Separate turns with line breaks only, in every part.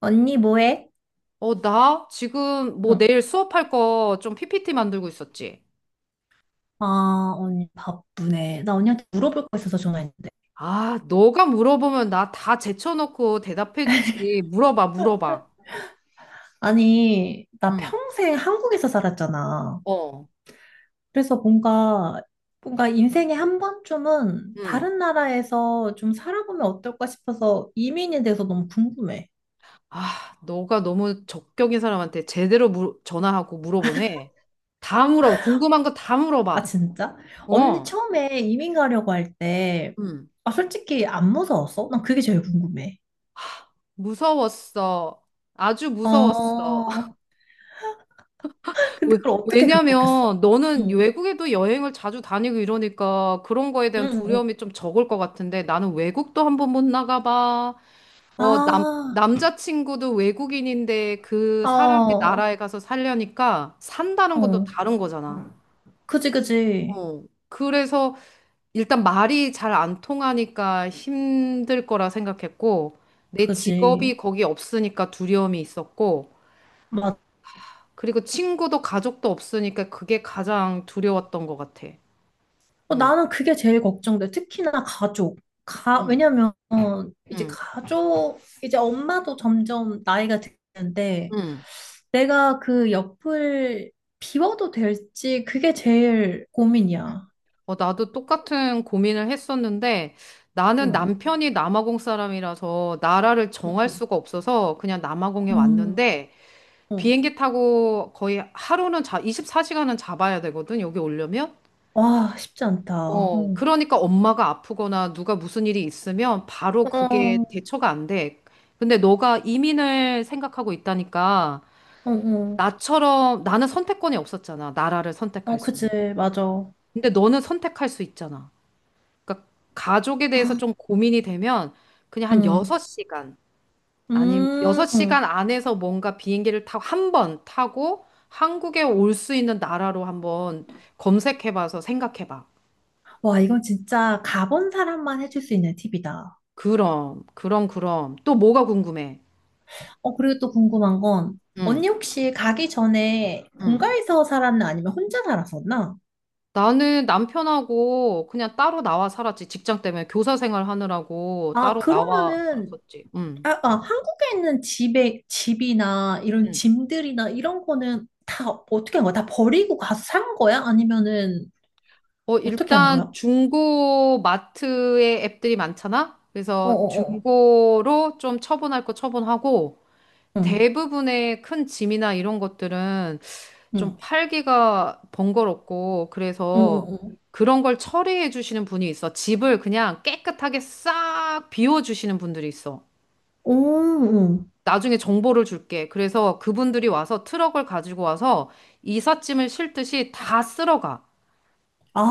언니 뭐해?
어, 나 지금 뭐
응.
내일 수업할 거 좀 PPT 만들고 있었지.
아, 언니 바쁘네. 나 언니한테 물어볼 거 있어서 전화했는데.
아, 너가 물어보면 나 다 제쳐놓고 대답해주지. 물어봐, 물어봐.
아니, 나
응,
평생 한국에서 살았잖아.
어,
그래서 뭔가, 뭔가 인생에 한 번쯤은
응.
다른 나라에서 좀 살아보면 어떨까 싶어서 이민에 대해서 너무 궁금해.
아, 너가 너무 적격인 사람한테 제대로 전화하고 물어보네. 다 물어봐. 궁금한 거 다
아,
물어봐.
진짜? 언니
어,
처음에 이민 가려고 할 때,
응.
아, 솔직히 안 무서웠어? 난 그게 제일 궁금해.
무서웠어. 아주 무서웠어.
어, 근데
왜-
그걸 어떻게 극복했어?
왜냐면 너는
응.
외국에도 여행을 자주 다니고 이러니까 그런 거에 대한
응, 응.
두려움이 좀 적을 것 같은데 나는 외국도 한 번 못 나가봐. 어,
아,
남자친구도 외국인인데 그
어,
사람이
어.
나라에 가서 살려니까 산다는 건 또 다른 거잖아.
그지, 그지.
어. 그래서 일단 말이 잘 안 통하니까 힘들 거라 생각했고 내 직업이
그지.
거기 없으니까 두려움이 있었고
맞.
그리고 친구도 가족도 없으니까 그게 가장 두려웠던 것 같아.
어,
어,
나는 그게 제일 걱정돼. 특히나 가족. 가,
응,
왜냐면, 어, 이제
응,
가족, 이제 엄마도 점점 나이가 드는데,
응.
내가 그 옆을 비워도 될지, 그게 제일
응.
고민이야.
어, 나도 똑같은 고민을 했었는데 나는
응,
남편이 남아공 사람이라서 나라를 정할
응,
수가 없어서 그냥 남아공에
응.
왔는데
어.
비행기 타고 거의 하루는 자, 24시간은 잡아야 되거든, 여기 오려면.
와, 쉽지 않다.
어,
어,
그러니까 엄마가 아프거나 누가 무슨 일이 있으면 바로 그게
어,
대처가 안 돼. 근데 너가 이민을 생각하고 있다니까
어, 어,
나처럼 나는 선택권이 없었잖아, 나라를
어,
선택할 수.
그지, 맞아.
근데 너는 선택할 수 있잖아. 그러니까 가족에 대해서
아,
좀 고민이 되면 그냥 한
응,
6시간 아니면
음.
6시간 안에서 뭔가 비행기를 타고 한 번 타고 한국에 올 수 있는 나라로 한번 검색해봐서 생각해봐.
와, 이건 진짜 가본 사람만 해줄 수 있는 팁이다.
그럼, 그럼, 그럼. 또 뭐가 궁금해?
어, 그리고 또 궁금한 건,
응,
언니 혹시 가기 전에
응.
본가에서 살았나 아니면 혼자 살았었나?
나는 남편하고 그냥 따로 나와 살았지. 직장 때문에 교사 생활 하느라고
아,
따로 나와
그러면은,
살았었지. 응,
아, 아, 한국에 있는 집에, 집이나 이런
응.
짐들이나 이런 거는 다 어떻게 한 거야? 다 버리고 가서 산 거야? 아니면은
어,
어떻게 한
일단
거야?
중고 마트에 앱들이 많잖아? 그래서
어어어.
중고로 좀 처분할 거 처분하고
응,
대부분의 큰 짐이나 이런 것들은 좀
응,
팔기가 번거롭고
응,
그래서
응, 응.
그런 걸 처리해 주시는 분이 있어. 집을 그냥 깨끗하게 싹 비워 주시는 분들이 있어.
오, 응.
나중에 정보를 줄게. 그래서 그분들이 와서 트럭을 가지고 와서 이삿짐을 싣듯이 다 쓸어가.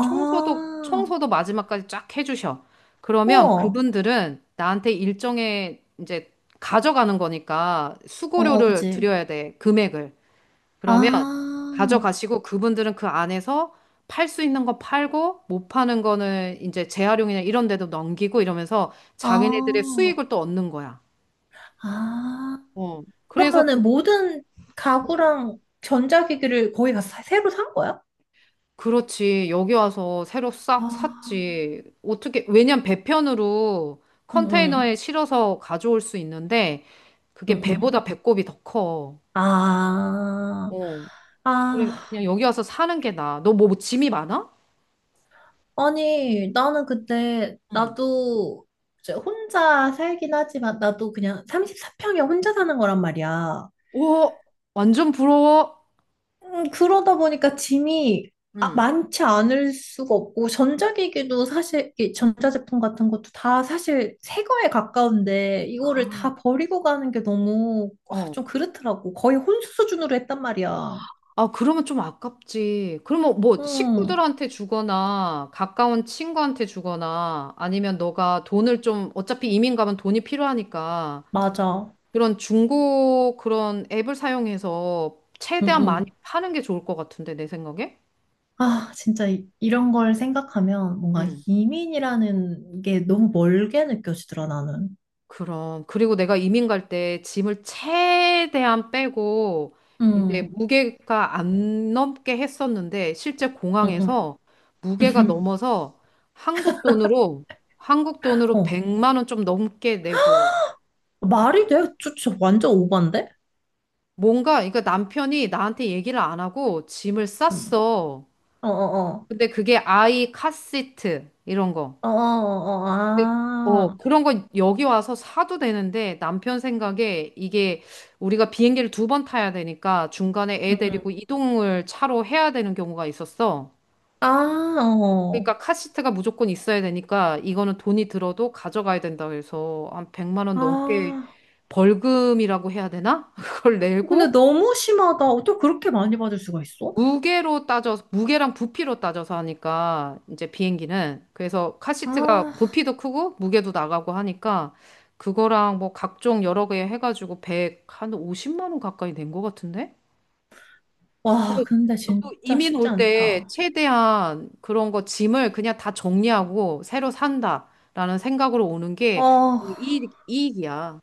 청소도, 청소도 마지막까지 쫙 해주셔. 그러면
우와.
그분들은 나한테 일정의 이제 가져가는 거니까
어어,
수고료를
그치.
드려야 돼. 금액을. 그러면
아.
가져가시고 그분들은 그 안에서 팔 수 있는 거 팔고 못 파는 거는 이제 재활용이나 이런 데도 넘기고 이러면서 자기네들의
아,
수익을 또 얻는 거야.
아.
어. 그래서
그러면은 모든 가구랑 전자기기를 거의 다 새로 산 거야?
그렇지. 여기 와서 새로 싹
아,
샀지. 어떻게, 왜냐면 배편으로
응, 응,
컨테이너에 실어서 가져올 수 있는데, 그게
응, 응.
배보다 배꼽이 더 커.
아,
어. 그래,
아,
그냥 여기 와서 사는 게 나아. 너 뭐 짐이 많아?
아니, 나는 그때,
응,
나도 이제 혼자 살긴 하지만, 나도 그냥 34평에 혼자 사는 거란 말이야.
오, 완전 부러워.
그러다 보니까 짐이
응.
많지 않을 수가 없고, 전자기기도 사실, 이 전자제품 같은 것도 다 사실 새 거에 가까운데, 이거를
아,
다 버리고 가는 게 너무 아,
어.
좀 그렇더라고. 거의 혼수 수준으로 했단 말이야.
아, 그러면 좀 아깝지. 그러면 뭐
응,
식구들한테 주거나 가까운 친구한테 주거나 아니면 너가 돈을 좀 어차피 이민 가면 돈이 필요하니까
맞아.
그런 중고 그런 앱을 사용해서
응,
최대한 많이
응.
파는 게 좋을 것 같은데, 내 생각에?
아, 진짜 이, 이런 걸 생각하면 뭔가
응.
이민이라는 게 너무 멀게 느껴지더라, 나는.
그럼. 그리고 내가 이민 갈 때 짐을 최대한 빼고, 이제
응,
무게가 안 넘게 했었는데, 실제
응,
공항에서
응.
무게가 넘어서 한국 돈으로, 한국 돈으로
어,
100만 원 좀 넘게 내고
말이
가져왔어.
돼? 저, 저 완전 오반데?
뭔가, 그러니까 남편이 나한테 얘기를 안 하고 짐을
응.
쌌어.
어어어.
근데 그게 아이 카시트, 이런 거.
어어어.
근데, 어,
아.
그런 건 여기 와서 사도 되는데 남편 생각에 이게 우리가 비행기를 두 번 타야 되니까 중간에 애 데리고
응응.
이동을 차로 해야 되는 경우가 있었어.
아, 어.
그러니까 카시트가 무조건 있어야 되니까 이거는 돈이 들어도 가져가야 된다 그래서 한 100만 원 넘게
아.
벌금이라고 해야 되나? 그걸
어, 근데
내고
너무 심하다. 어떻게 그렇게 많이 받을 수가 있어?
무게로 따져서, 무게랑 부피로 따져서 하니까, 이제 비행기는. 그래서 카시트가
아.
부피도 크고, 무게도 나가고 하니까, 그거랑 뭐 각종 여러 개 해가지고 백한 50만 원 가까이 낸 것 같은데?
와,
그래서
근데
너도
진짜
이민
쉽지
올 때
않다.
최대한 그런 거 짐을 그냥 다 정리하고 새로 산다라는 생각으로 오는 게
어.
이익이야.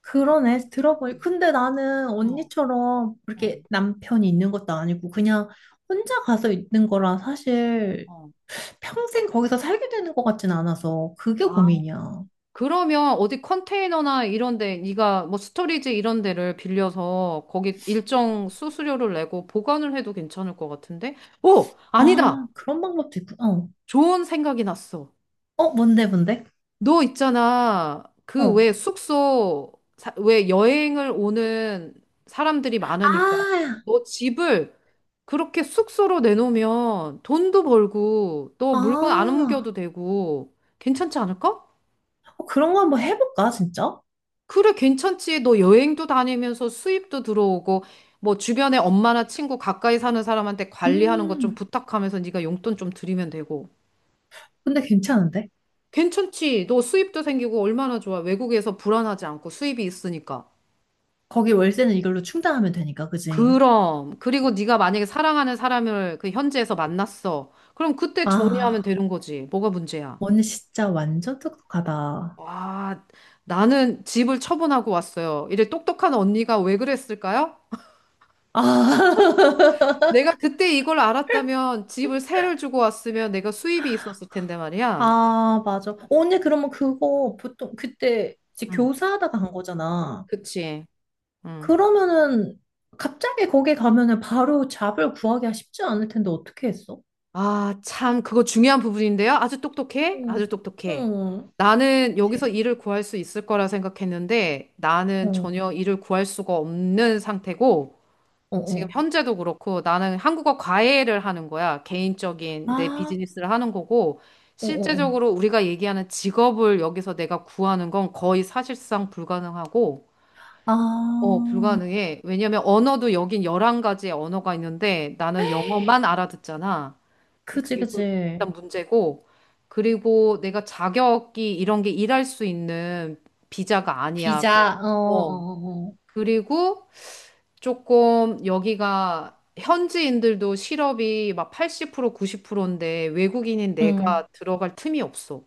그러네. 들어보니. 근데 나는
어,
언니처럼
어,
그렇게 남편이 있는 것도 아니고 그냥 혼자 가서 있는 거라 사실
어.
평생 거기서 살게 되는 것 같진 않아서 그게
아,
고민이야.
그러면 어디 컨테이너나 이런 데, 네가 뭐 스토리지 이런 데를 빌려서 거기 일정 수수료를 내고 보관을 해도 괜찮을 것 같은데? 오, 아니다.
아, 그런 방법도 있구나. 어.
좋은 생각이 났어.
어, 뭔데, 뭔데?
너 있잖아. 그
어.
왜 숙소, 왜 여행을 오는 사람들이 많으니까
아,
너 집을 그렇게 숙소로 내놓으면 돈도 벌고 또 물건 안 옮겨도
아,
되고 괜찮지 않을까?
어, 그런 거 한번 해볼까, 진짜?
그래, 괜찮지. 너 여행도 다니면서 수입도 들어오고, 뭐 주변에 엄마나 친구 가까이 사는 사람한테 관리하는 것 좀
음,
부탁하면서 네가 용돈 좀 드리면 되고.
근데 괜찮은데?
괜찮지. 너 수입도 생기고 얼마나 좋아. 외국에서 불안하지 않고 수입이 있으니까.
거기 월세는 이걸로 충당하면 되니까, 그지?
그럼. 그리고 네가 만약에 사랑하는 사람을 그 현지에서 만났어. 그럼 그때 정리하면
아,
되는 거지. 뭐가 문제야?
언니 진짜 완전 똑똑하다.
와, 나는 집을 처분하고 왔어요. 이래 똑똑한 언니가 왜 그랬을까요?
아,
내가 그때 이걸 알았다면 집을 세를 주고 왔으면 내가 수입이 있었을 텐데 말이야.
아, 맞아. 언니 그러면 그거 보통 그때 이제
응.
교사하다가 간 거잖아.
그치? 응.
그러면은 갑자기 거기 가면은 바로 잡을 구하기가 쉽지 않을 텐데 어떻게 했어?
아, 참, 그거 중요한 부분인데요. 아주 똑똑해? 아주
어,
똑똑해.
어,
나는 여기서
제-
일을 구할 수 있을 거라 생각했는데 나는
어,
전혀 일을 구할 수가 없는 상태고
어,
지금
어.
현재도 그렇고 나는 한국어 과외를 하는 거야. 개인적인 내
아,
비즈니스를 하는 거고
어, 어, 어.
실제적으로 우리가 얘기하는 직업을 여기서 내가 구하는 건 거의 사실상 불가능하고
아,
어, 불가능해. 왜냐면 언어도 여긴 11가지의 언어가 있는데 나는 영어만 알아듣잖아.
그지,
그게 또
그지.
일단 문제고. 그리고 내가 자격이 이런 게 일할 수 있는 비자가 아니야. 그냥.
비자, 어, 어,
어.
어. 어.
그리고 조금 여기가 현지인들도 실업이 막 80% 90%인데 외국인인
응.
내가 들어갈 틈이 없어.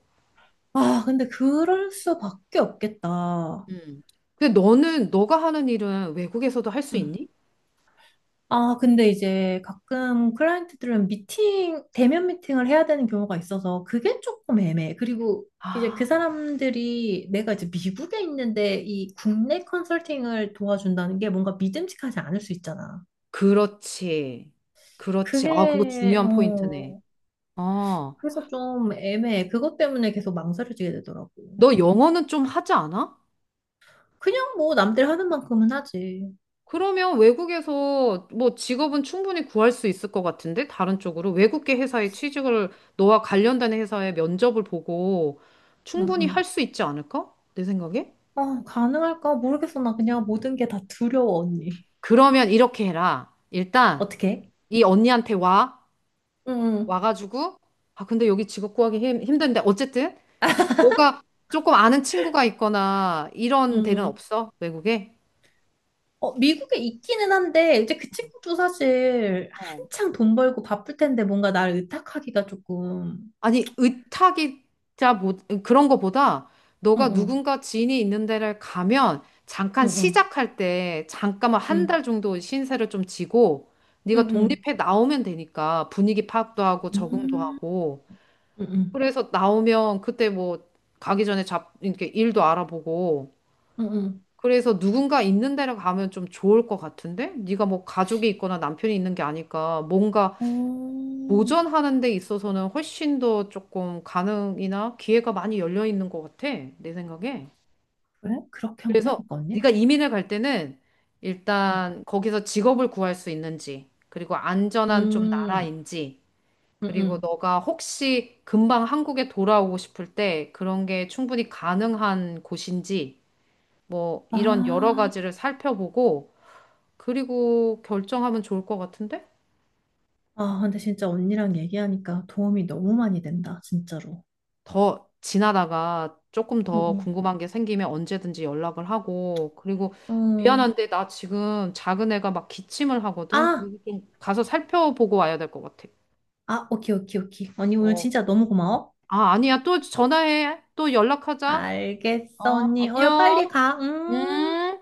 아, 근데 그럴 수밖에 없겠다.
음. 근데 너는 너가 하는 일은 외국에서도 할 수
응.
있니?
아, 근데 이제 가끔 클라이언트들은 미팅, 대면 미팅을 해야 되는 경우가 있어서 그게 조금 애매해. 그리고 이제 그
아.
사람들이 내가 이제 미국에 있는데 이 국내 컨설팅을 도와준다는 게 뭔가 믿음직하지 않을 수 있잖아.
그렇지. 그렇지. 아, 그거
그게,
중요한 포인트네.
어,
아,
그래서 좀 애매해. 그것 때문에 계속 망설여지게 되더라고.
너 영어는 좀 하지 않아?
그냥 뭐 남들 하는 만큼은 하지.
그러면 외국에서 뭐 직업은 충분히 구할 수 있을 것 같은데? 다른 쪽으로? 외국계 회사에 취직을, 너와 관련된 회사의 면접을 보고
응,
충분히 할
응.
수 있지 않을까? 내 생각에?
아, 가능할까? 모르겠어. 나 그냥 모든 게 다 두려워, 언니.
그러면 이렇게 해라. 일단,
어떻게?
이 언니한테 와.
응, 응,
와가지고, 아, 근데 여기 직업 구하기 힘든데. 어쨌든, 너가 조금 아는 친구가 있거나 이런
응.
데는
응.
없어? 외국에?
어, 미국에 있기는 한데, 이제 그 친구도 사실
어.
한창 돈 벌고 바쁠 텐데 뭔가 나를 의탁하기가 조금.
아니, 의탁이자 뭐, 그런 거보다
응,
너가
응,
누군가 지인이 있는 데를 가면 잠깐
응, 응,
시작할 때 잠깐만 한
응,
달 정도 신세를 좀 지고 네가
응, 응,
독립해 나오면 되니까 분위기 파악도 하고 적응도
음,
하고
응, 응,
그래서 나오면 그때 뭐 가기 전에 잡 이렇게 일도 알아보고
응. 응.
그래서 누군가 있는 데를 가면 좀 좋을 것 같은데? 네가 뭐 가족이 있거나 남편이 있는 게 아니까 뭔가
어,
도전하는 데 있어서는 훨씬 더 조금 가능이나 기회가 많이 열려 있는 것 같아. 내 생각에.
그래? 그렇게 한번
그래서
해볼까, 언니?
네가 이민을 갈 때는
어.
일단 거기서 직업을 구할 수 있는지, 그리고 안전한 좀
음,
나라인지,
응,
그리고
응.
너가 혹시 금방 한국에 돌아오고 싶을 때 그런 게 충분히 가능한 곳인지, 뭐 이런 여러
아.
가지를 살펴보고 그리고 결정하면 좋을 것 같은데?
아, 근데 진짜 언니랑 얘기하니까 도움이 너무 많이 된다, 진짜로.
더 지나다가 조금
응,
더
응.
궁금한 게 생기면 언제든지 연락을 하고, 그리고
응
미안한데 나 지금 작은 애가 막 기침을 하거든?
아,
그리고 좀 가서 살펴보고 와야 될 것 같아.
아, 오케이, 오케이, 오케이. 언니 오늘
어.
진짜 너무 고마워.
아, 아니야. 또 전화해. 또 연락하자.
알겠어,
어,
언니. 어, 빨리
안녕.
가. 음.
음.